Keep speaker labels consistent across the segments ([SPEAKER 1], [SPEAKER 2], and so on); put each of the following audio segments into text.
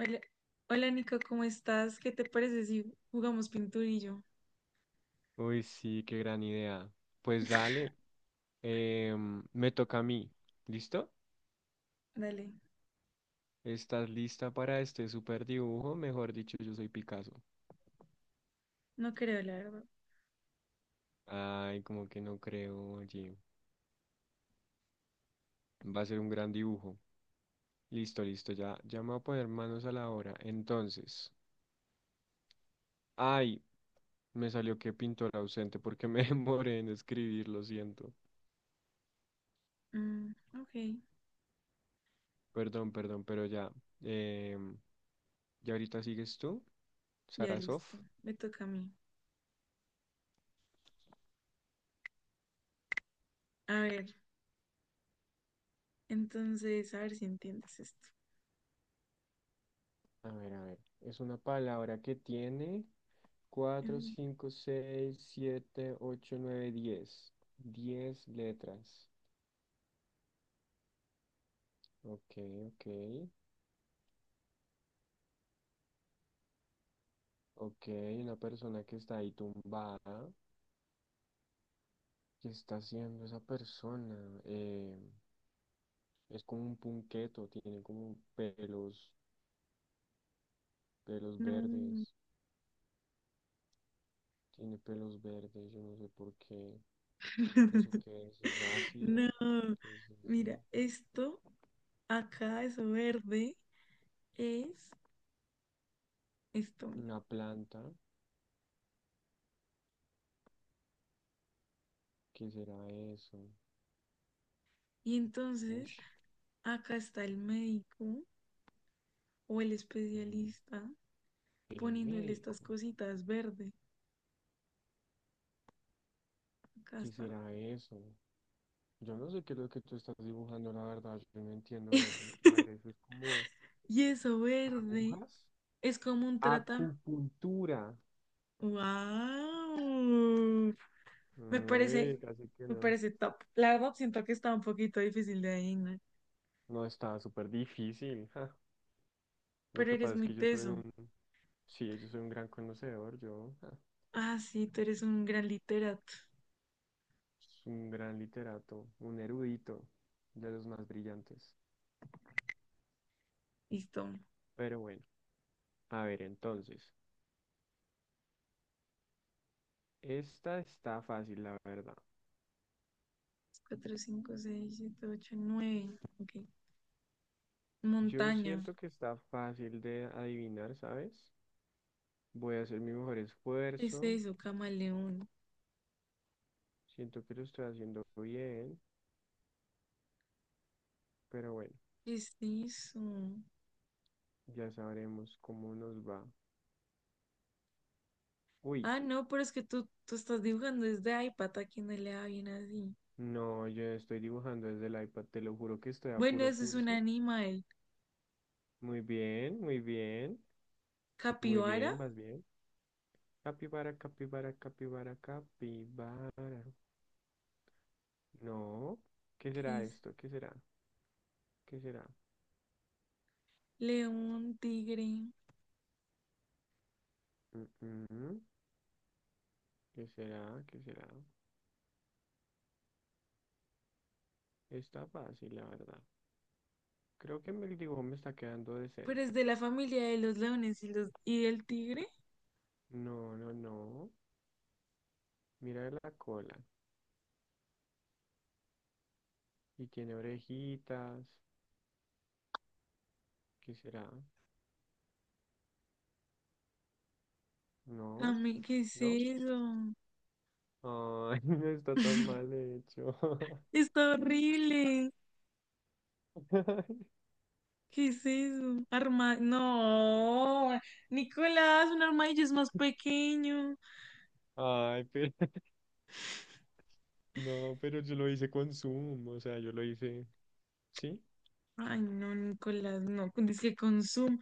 [SPEAKER 1] Hola, hola Nico, ¿cómo estás? ¿Qué te parece si jugamos pinturillo?
[SPEAKER 2] Uy, sí, qué gran idea. Pues dale, me toca a mí. ¿Listo?
[SPEAKER 1] Dale,
[SPEAKER 2] ¿Estás lista para este super dibujo? Mejor dicho, yo soy Picasso.
[SPEAKER 1] no creo, la verdad.
[SPEAKER 2] Ay, como que no creo, oye. Va a ser un gran dibujo. Listo, listo, ya, ya me voy a poner manos a la obra. Entonces, ay, me salió que pintor ausente porque me demoré en escribir, lo siento.
[SPEAKER 1] Mm, ok,
[SPEAKER 2] Perdón, perdón, pero ya. em, ¿Ya ahorita sigues tú,
[SPEAKER 1] ya
[SPEAKER 2] Sarasov?
[SPEAKER 1] listo, me toca a mí. A ver, entonces, a ver si entiendes esto.
[SPEAKER 2] A ver, a ver. Es una palabra que tiene cuatro,
[SPEAKER 1] Mm,
[SPEAKER 2] cinco, seis, siete, ocho, nueve, diez. Diez letras. Ok, ok. Ok, una persona que está ahí tumbada. ¿Qué está haciendo esa persona? Eh, es como un punqueto, tiene como pelos, pelos
[SPEAKER 1] no,
[SPEAKER 2] verdes. Tiene pelos verdes, yo no sé por qué. ¿Eso qué es? ¿Es ácido?
[SPEAKER 1] no,
[SPEAKER 2] ¿Qué es eso?
[SPEAKER 1] mira, esto acá, eso verde, es esto, mira.
[SPEAKER 2] ¿Una planta? ¿Qué será eso?
[SPEAKER 1] Y
[SPEAKER 2] Uy,
[SPEAKER 1] entonces, acá está el médico o el
[SPEAKER 2] el,
[SPEAKER 1] especialista
[SPEAKER 2] el
[SPEAKER 1] poniéndole
[SPEAKER 2] médico.
[SPEAKER 1] estas cositas verde. Acá
[SPEAKER 2] ¿Qué
[SPEAKER 1] está.
[SPEAKER 2] será eso? Yo no sé qué es lo que tú estás dibujando, la verdad, yo no entiendo eso. A ver, eso es como
[SPEAKER 1] Y eso verde
[SPEAKER 2] agujas.
[SPEAKER 1] es como un trata.
[SPEAKER 2] Acupuntura.
[SPEAKER 1] ¡Wow! Me
[SPEAKER 2] Ay,
[SPEAKER 1] parece,
[SPEAKER 2] casi que
[SPEAKER 1] me
[SPEAKER 2] no.
[SPEAKER 1] parece top. La verdad, siento que está un poquito difícil de adivinar,
[SPEAKER 2] No, está súper difícil. Ja. Lo
[SPEAKER 1] pero
[SPEAKER 2] que
[SPEAKER 1] eres
[SPEAKER 2] pasa es
[SPEAKER 1] muy
[SPEAKER 2] que
[SPEAKER 1] teso.
[SPEAKER 2] sí, yo soy un gran conocedor, yo, ja,
[SPEAKER 1] Ah, sí, tú eres un gran literato.
[SPEAKER 2] soy un gran literato, un erudito de los más brillantes.
[SPEAKER 1] Listo.
[SPEAKER 2] Pero bueno, a ver, entonces, esta está fácil, la verdad.
[SPEAKER 1] Cuatro cinco seis siete ocho nueve. Ok.
[SPEAKER 2] Yo
[SPEAKER 1] Montaña.
[SPEAKER 2] siento que está fácil de adivinar, ¿sabes? Voy a hacer mi mejor
[SPEAKER 1] ¿Qué es
[SPEAKER 2] esfuerzo.
[SPEAKER 1] eso, camaleón?
[SPEAKER 2] Siento que lo estoy haciendo bien, pero bueno,
[SPEAKER 1] ¿Qué es eso?
[SPEAKER 2] ya sabremos cómo nos va. Uy,
[SPEAKER 1] Ah, no, pero es que tú estás dibujando desde iPad, a quien no le da bien así.
[SPEAKER 2] no, yo estoy dibujando desde el iPad, te lo juro que estoy a
[SPEAKER 1] Bueno,
[SPEAKER 2] puro
[SPEAKER 1] eso es un
[SPEAKER 2] pulso.
[SPEAKER 1] animal.
[SPEAKER 2] Muy bien, muy bien, muy
[SPEAKER 1] Capibara,
[SPEAKER 2] bien, vas bien. Capibara, capibara, capibara, capibara. No, ¿qué
[SPEAKER 1] que
[SPEAKER 2] será
[SPEAKER 1] es
[SPEAKER 2] esto? ¿Qué será? ¿Qué será?
[SPEAKER 1] león, tigre,
[SPEAKER 2] Mm, mm, ¿Qué será? ¿Qué será? Está fácil, la verdad. Creo que el dibujo me está quedando
[SPEAKER 1] pero
[SPEAKER 2] decente.
[SPEAKER 1] es de la familia de los leones y del tigre.
[SPEAKER 2] No, no, no. Mira la cola. Y tiene orejitas. ¿Qué será? No,
[SPEAKER 1] ¿Qué es
[SPEAKER 2] no.
[SPEAKER 1] eso?
[SPEAKER 2] Ay, no está tan mal hecho.
[SPEAKER 1] Está horrible. ¿Qué es eso? No, Nicolás, un armadillo es más pequeño.
[SPEAKER 2] Ay, pero no, pero yo lo hice con Zoom, o sea, yo lo hice, ¿sí?
[SPEAKER 1] Ay, no, Nicolás, no. Dice que con Zoom.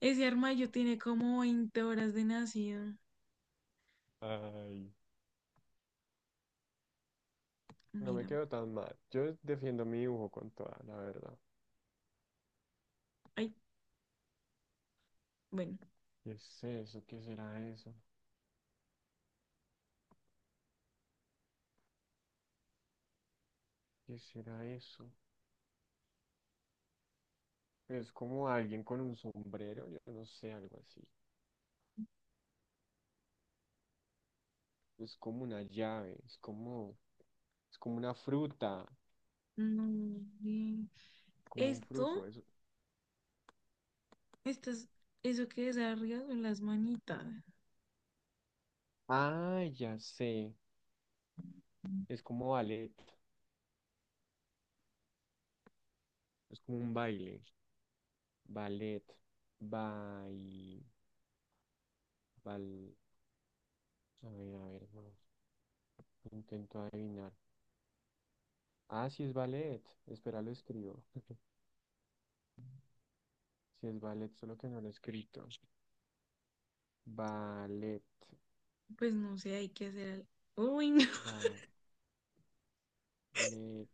[SPEAKER 1] Ese armadillo tiene como 20 horas de nacido.
[SPEAKER 2] Ay, no me
[SPEAKER 1] Mira.
[SPEAKER 2] quedo tan mal. Yo defiendo mi dibujo con toda, la verdad.
[SPEAKER 1] Ay, bueno.
[SPEAKER 2] ¿Qué es eso? ¿Qué será eso? ¿Qué será eso? Es como alguien con un sombrero, yo no sé, algo así. Es como una llave. Es como una fruta,
[SPEAKER 1] No. eh,
[SPEAKER 2] como un
[SPEAKER 1] Esto
[SPEAKER 2] fruto, eso.
[SPEAKER 1] Estas, eso que desarrollas son las manitas.
[SPEAKER 2] Ah, ya sé. Es como ballet. Es como un baile. Ballet. Bai. Bal. A ver, no. Intento adivinar. Ah, sí es ballet. Espera, lo escribo. Sí es ballet, solo que no lo he escrito. Ballet.
[SPEAKER 1] Pues no sé, hay que hacer algo. Uy, no.
[SPEAKER 2] Ballet.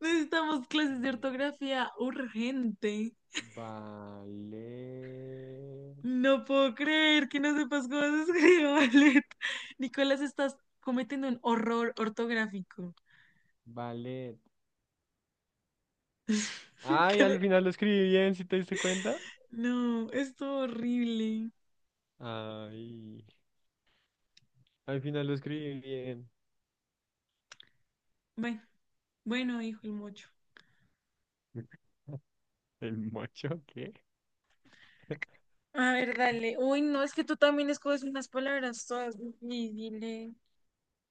[SPEAKER 1] Necesitamos clases de
[SPEAKER 2] Ballet.
[SPEAKER 1] ortografía urgente.
[SPEAKER 2] Ballet.
[SPEAKER 1] No puedo creer que no sepas cómo se escribe ballet. Nicolás, estás cometiendo un horror ortográfico.
[SPEAKER 2] Ballet. Ay, ¿al
[SPEAKER 1] Cre-
[SPEAKER 2] final lo escribí bien, si te diste cuenta?
[SPEAKER 1] No, es todo horrible.
[SPEAKER 2] Ay. Al final lo escribí bien.
[SPEAKER 1] Bueno, bueno, dijo el mocho.
[SPEAKER 2] ¿El mocho qué?
[SPEAKER 1] A ver, dale. Uy, no, es que tú también escoges unas palabras todas difíciles.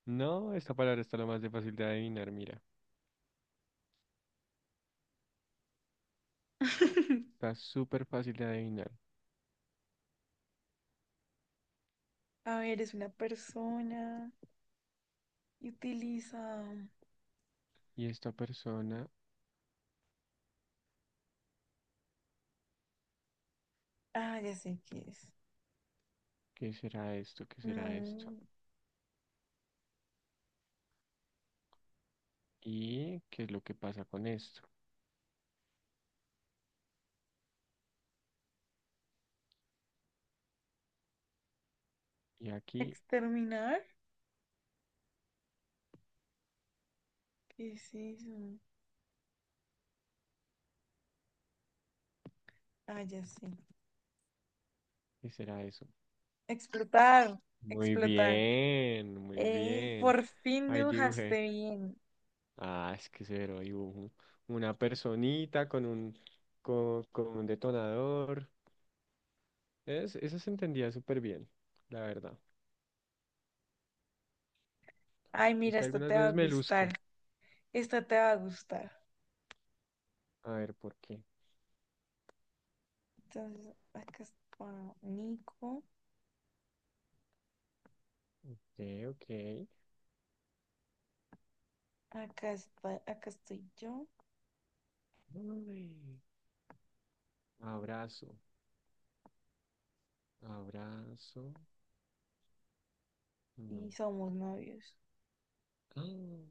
[SPEAKER 2] No, esta palabra está lo más de fácil de adivinar, mira. Está súper fácil de adivinar.
[SPEAKER 1] A ver, es una persona. Y utiliza.
[SPEAKER 2] ¿Y esta persona?
[SPEAKER 1] Ah, ya sé qué es.
[SPEAKER 2] ¿Qué será esto? ¿Qué será esto?
[SPEAKER 1] No.
[SPEAKER 2] ¿Y qué es lo que pasa con esto? ¿Y aquí?
[SPEAKER 1] ¿Exterminar? ¿Qué es eso? Ah, ya sé.
[SPEAKER 2] ¿Qué será eso?
[SPEAKER 1] Explotar.
[SPEAKER 2] Muy
[SPEAKER 1] Explotar.
[SPEAKER 2] bien, muy
[SPEAKER 1] Ey,
[SPEAKER 2] bien.
[SPEAKER 1] por fin
[SPEAKER 2] Ahí
[SPEAKER 1] dibujaste
[SPEAKER 2] dibujé.
[SPEAKER 1] bien.
[SPEAKER 2] Ah, es que cero dibujo. Una personita con un detonador. Esa se entendía súper bien, la verdad.
[SPEAKER 1] Ay,
[SPEAKER 2] Es
[SPEAKER 1] mira,
[SPEAKER 2] que
[SPEAKER 1] esta
[SPEAKER 2] algunas
[SPEAKER 1] te va a
[SPEAKER 2] veces me
[SPEAKER 1] gustar.
[SPEAKER 2] luzco.
[SPEAKER 1] Esta te va a gustar.
[SPEAKER 2] A ver, ¿por qué?
[SPEAKER 1] Entonces, acá está Nico.
[SPEAKER 2] Ok, ok.
[SPEAKER 1] Acá está, acá estoy yo.
[SPEAKER 2] Ay, abrazo, abrazo. No.
[SPEAKER 1] Y somos novios.
[SPEAKER 2] Ah,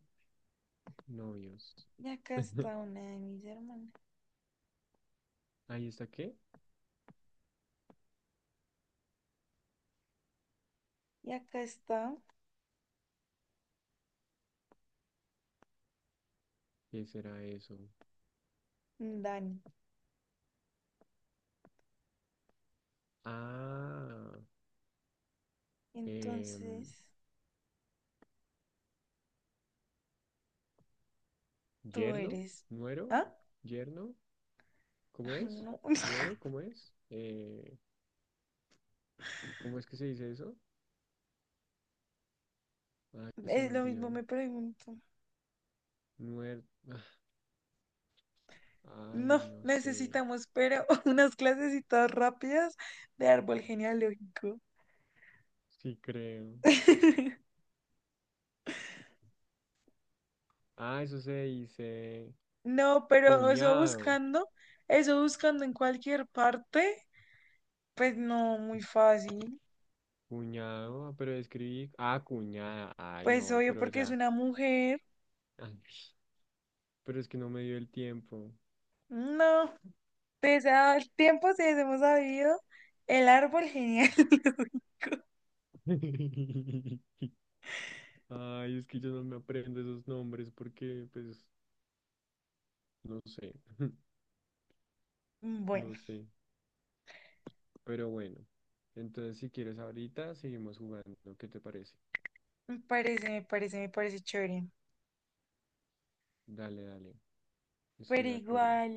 [SPEAKER 2] novios.
[SPEAKER 1] Y acá está una de mis hermanas.
[SPEAKER 2] ¿Ahí está qué?
[SPEAKER 1] Y acá está
[SPEAKER 2] ¿Qué será eso?
[SPEAKER 1] Dani.
[SPEAKER 2] Ah, em,
[SPEAKER 1] Entonces. Tú
[SPEAKER 2] yerno,
[SPEAKER 1] eres.
[SPEAKER 2] nuero,
[SPEAKER 1] ¿Ah?
[SPEAKER 2] yerno. ¿Cómo
[SPEAKER 1] Ay,
[SPEAKER 2] es?
[SPEAKER 1] no.
[SPEAKER 2] ¿Nuero? ¿Cómo es? ¿Cómo es que se dice eso? Ay, se me
[SPEAKER 1] Es lo mismo,
[SPEAKER 2] olvidó.
[SPEAKER 1] me pregunto.
[SPEAKER 2] Nuer... Ay,
[SPEAKER 1] No,
[SPEAKER 2] no sé.
[SPEAKER 1] necesitamos, pero unas clasecitas rápidas de árbol genealógico.
[SPEAKER 2] Sí creo. Ah, eso se dice
[SPEAKER 1] No, pero eso
[SPEAKER 2] cuñado,
[SPEAKER 1] buscando, eso buscando en cualquier parte, pues no, muy fácil.
[SPEAKER 2] cuñado, ah, pero escribí, ah, cuñada, ay
[SPEAKER 1] Pues
[SPEAKER 2] no,
[SPEAKER 1] obvio,
[SPEAKER 2] pero
[SPEAKER 1] porque es
[SPEAKER 2] ya,
[SPEAKER 1] una mujer.
[SPEAKER 2] ay, pero es que no me dio el tiempo.
[SPEAKER 1] No, pese al tiempo, si hemos sabido, el árbol genial.
[SPEAKER 2] Ay, es que yo no me aprendo esos nombres porque, pues, no sé,
[SPEAKER 1] Bueno,
[SPEAKER 2] no sé, pero bueno, entonces si quieres ahorita seguimos jugando, ¿qué te parece?
[SPEAKER 1] me parece chévere.
[SPEAKER 2] Dale, dale,
[SPEAKER 1] Pero
[SPEAKER 2] estoy de acuerdo.
[SPEAKER 1] igual.